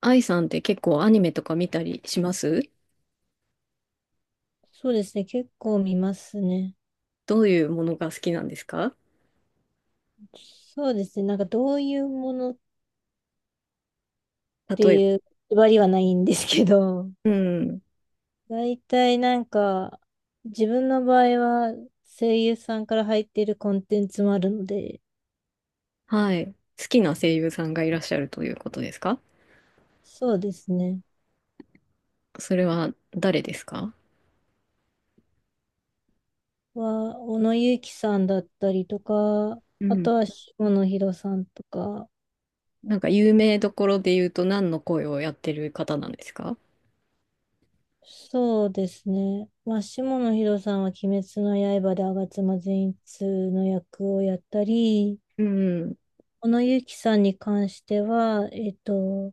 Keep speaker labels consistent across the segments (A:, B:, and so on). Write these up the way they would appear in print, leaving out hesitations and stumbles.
A: 愛さんって結構アニメとか見たりします？
B: そうですね。結構見ますね。
A: どういうものが好きなんですか？
B: そうですね。どういうものって
A: 例えば。
B: いう縛りはないんですけど、
A: うん。
B: 大体自分の場合は声優さんから入っているコンテンツもあるので、
A: はい。好きな声優さんがいらっしゃるということですか？
B: そうですね。
A: それは誰ですか？
B: 小野友樹さんだったりとか、
A: う
B: あ
A: ん。
B: とは下野紘さんとか、
A: なんか有名どころで言うと何の声をやってる方なんですか？
B: そうですね。下野紘さんは鬼滅の刃で吾妻善逸の役をやったり、
A: うん。
B: 小野ゆきさんに関しては、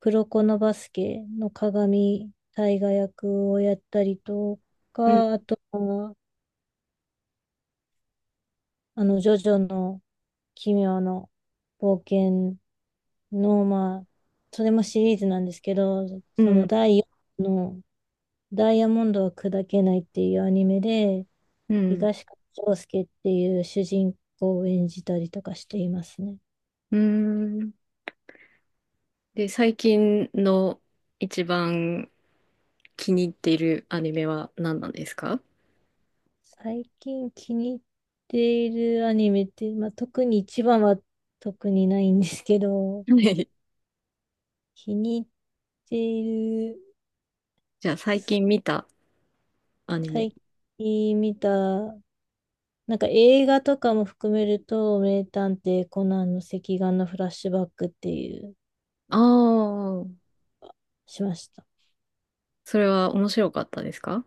B: 黒子のバスケの鏡大河役をやったりと
A: うん。
B: か、あとは、ジョジョの奇妙の冒険の、それもシリーズなんですけど、
A: う
B: その
A: ん。
B: 第4のダイヤモンドは砕けないっていうアニメで、
A: うん。
B: 東川翔介っていう主人公を演じたりとかしていますね。
A: うん。で、最近の一番気に入っているアニメは何なんですか？
B: 最近気に入っているアニメって、特に一番は特にないんですけど、
A: はい。
B: 気に入っている、
A: じゃあ最近見たアニメ。
B: 最近見た、映画とかも含めると、名探偵コナンの赤眼のフラッシュバックっていう、
A: ああ。
B: しました。
A: それは面白かったですか？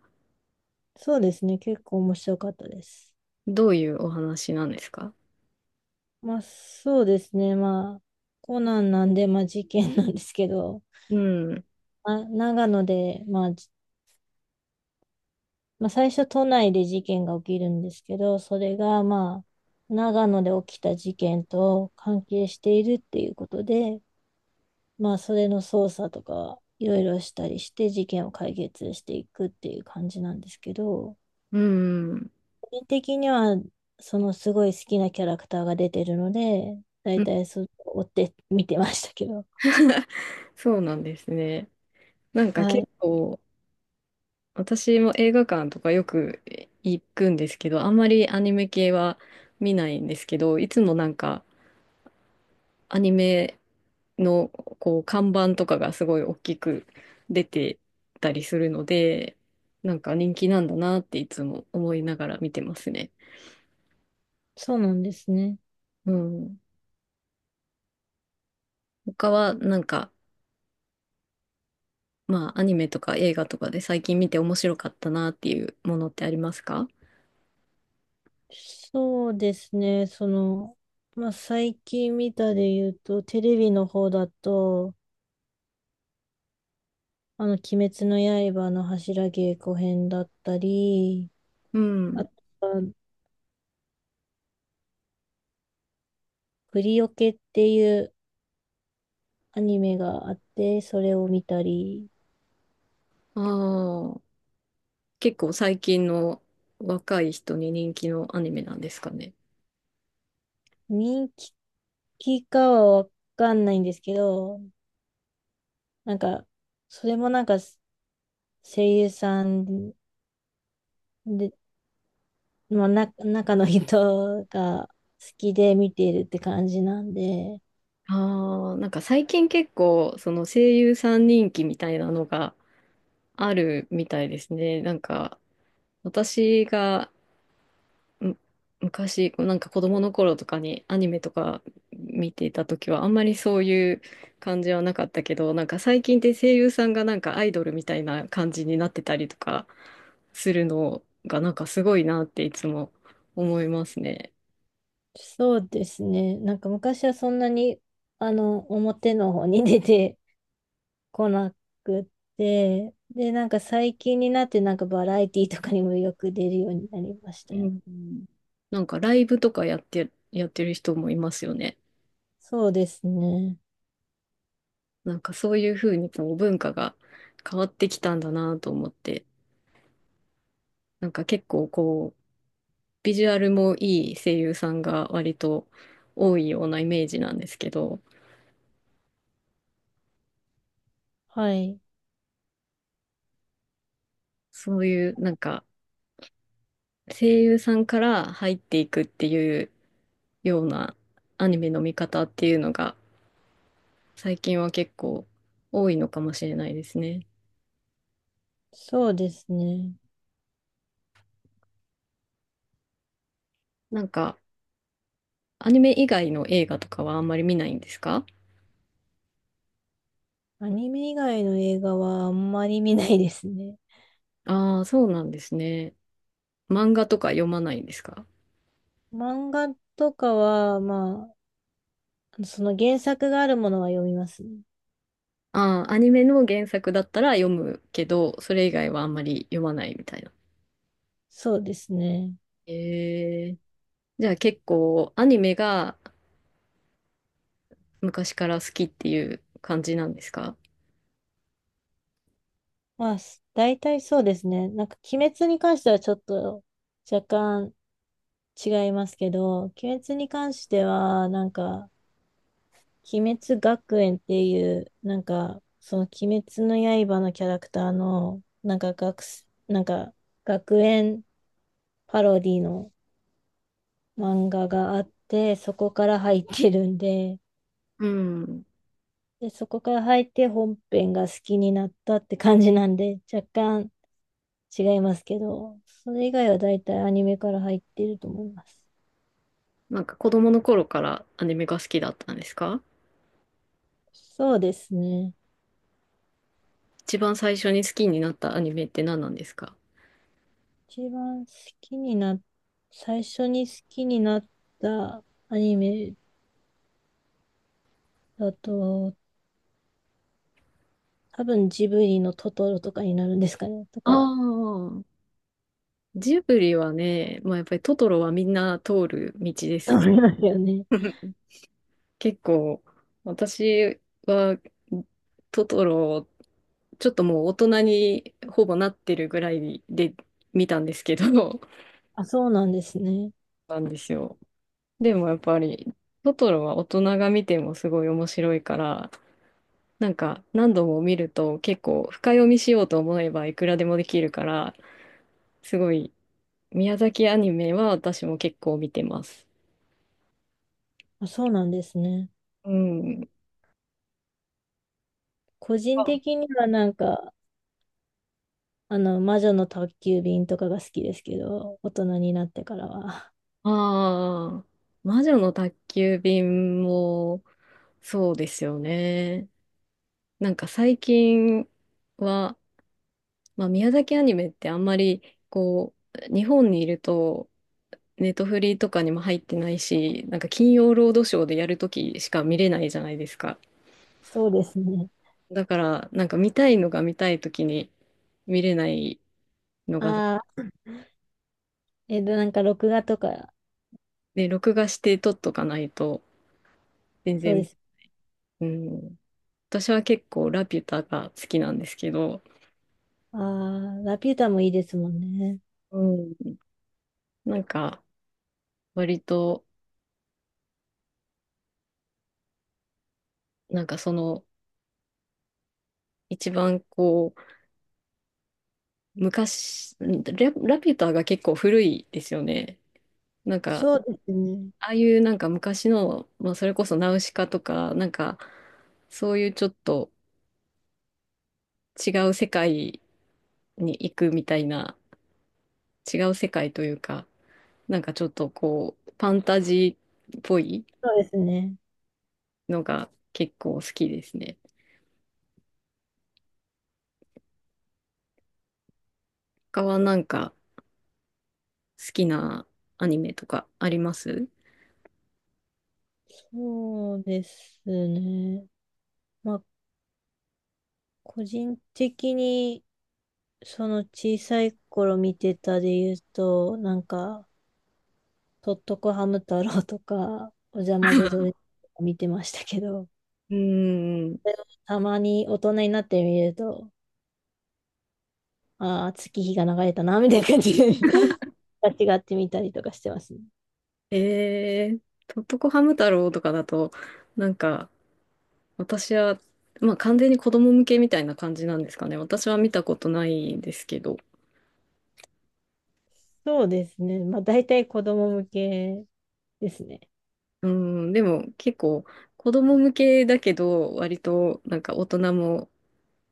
B: そうですね、結構面白かったです。
A: どういうお話なんですか？
B: そうですね、コナンなんで、まあ事件なんですけど、
A: うん。
B: まあ、長野で、最初都内で事件が起きるんですけど、それが長野で起きた事件と関係しているっていうことで、それの捜査とかいろいろしたりして事件を解決していくっていう感じなんですけど、
A: うん。
B: 個人的にはそのすごい好きなキャラクターが出てるので、だ
A: う
B: い
A: ん。
B: たいそう追って見てましたけど。
A: そうなんですね。なんか
B: は
A: 結
B: い。
A: 構、私も映画館とかよく行くんですけど、あんまりアニメ系は見ないんですけど、いつもなんかアニメのこう看板とかがすごい大きく出てたりするので、なんか人気なんだなっていつも思いながら見てますね。
B: そうなんですね。
A: うん。他はなんかまあ、アニメとか映画とかで最近見て面白かったなっていうものってありますか？
B: そうですね。最近見たで言うと、テレビの方だと、鬼滅の刃の柱稽古編だったり、
A: う
B: あ
A: ん。
B: とは、プリオケっていうアニメがあって、それを見たり、
A: ああ、結構最近の若い人に人気のアニメなんですかね。
B: 人気かはわかんないんですけど、なんか、それもなんか、声優さんで、中の人が好きで見ているって感じなんで、
A: ああ、なんか最近結構、その声優さん人気みたいなのがあるみたいですね。なんか、私がむ昔、こうなんか子供の頃とかにアニメとか見ていた時はあんまりそういう感じはなかったけど、なんか最近って声優さんがなんかアイドルみたいな感じになってたりとかするのがなんかすごいなっていつも思いますね。
B: そうですね。昔はそんなに、表の方に出て こなくって、で、最近になってバラエティとかにもよく出るようになりました
A: う
B: よね。
A: ん。なんかライブとかやってる人もいますよね。
B: そうですね。
A: なんかそういうふうにこう文化が変わってきたんだなと思って、なんか結構こう、ビジュアルもいい声優さんが割と多いようなイメージなんですけど、
B: はい。
A: そういうなんか声優さんから入っていくっていうようなアニメの見方っていうのが最近は結構多いのかもしれないですね。
B: そうですね。
A: なんかアニメ以外の映画とかはあんまり見ないんですか？
B: アニメ以外の映画はあんまり見ないですね。
A: ああー、そうなんですね。漫画とか読まないんですか？
B: 漫画とかは、その原作があるものは読みますね。
A: ああー、アニメの原作だったら読むけど、それ以外はあんまり読まないみたいな。
B: そうですね。
A: えーじゃあ結構アニメが昔から好きっていう感じなんですか？
B: 大体そうですね。鬼滅に関してはちょっと若干違いますけど、鬼滅に関しては、鬼滅学園っていう、その鬼滅の刃のキャラクターの、なんか学す、なんか、学園パロディの漫画があって、そこから入ってるんで、
A: うん。
B: で、そこから入って本編が好きになったって感じなんで、若干違いますけど、それ以外は大体アニメから入っていると思います。
A: なんか子供の頃からアニメが好きだったんですか？
B: そうですね。
A: 一番最初に好きになったアニメって何なんですか？
B: 一番好きにな、最初に好きになったアニメだと、多分ジブリのトトロとかになるんですかね、と
A: あ
B: か、
A: あ、ジブリはね、まあやっぱりトトロはみんな通る道で す
B: 思
A: よ。
B: いますよね。
A: 結構私はトトロちょっともう大人にほぼなってるぐらいで見たんですけど、
B: あ、そうなんですね。
A: なんですよ。でもやっぱり、トトロは大人が見てもすごい面白いから、なんか何度も見ると結構深読みしようと思えばいくらでもできるから、すごい宮崎アニメは私も結構見てます。
B: あ、そうなんですね。
A: うん。
B: 個人的には魔女の宅急便とかが好きですけど、大人になってからは。
A: ああー、魔女の宅急便もそうですよね。なんか最近は、まあ、宮崎アニメってあんまりこう、日本にいるとネットフリとかにも入ってないし、なんか金曜ロードショーでやるときしか見れないじゃないですか。
B: そうですね。
A: だから、なんか見たいのが見たいときに見れないのが、
B: ああ、録画とか、
A: で、録画して撮っとかないと、全
B: そうで
A: 然、
B: す。
A: うん、私は結構ラピュタが好きなんですけど、
B: ああ、ラピュタもいいですもんね。
A: うん、なんか割と、なんかその、一番こう、昔、ラピュタが結構古いですよね。なんか、
B: そうですね。
A: ああいうなんか昔の、まあ、それこそナウシカとか、なんかそういうちょっと違う世界に行くみたいな、違う世界というか、なんかちょっとこう、ファンタジーっぽい
B: そうですね。
A: のが結構好きですね。他はなんか好きなアニメとかあります？
B: そうですね。まあ、個人的に、その小さい頃見てたで言うと、とっとこハム太郎とか、おじゃまじゃドレとか見てましたけど、
A: うーん。
B: それをたまに大人になってみると、ああ、月日が流れたな、みたいな感じで 間違ってみ たりとかしてますね。
A: えー、とっとこハム太郎とかだと、なんか、私は、まあ完全に子供向けみたいな感じなんですかね。私は見たことないですけど。
B: そうですね。まあ、大体子供向けですね。
A: うん、でも結構子供向けだけど、割となんか大人も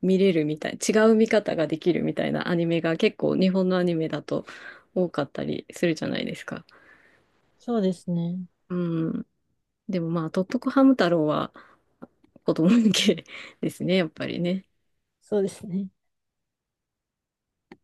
A: 見れるみたい、違う見方ができるみたいなアニメが結構日本のアニメだと多かったりするじゃないですか。
B: そうですね。
A: うん、でもまあ、とっとこハム太郎は子供向け ですね、やっぱりね。
B: そうですね。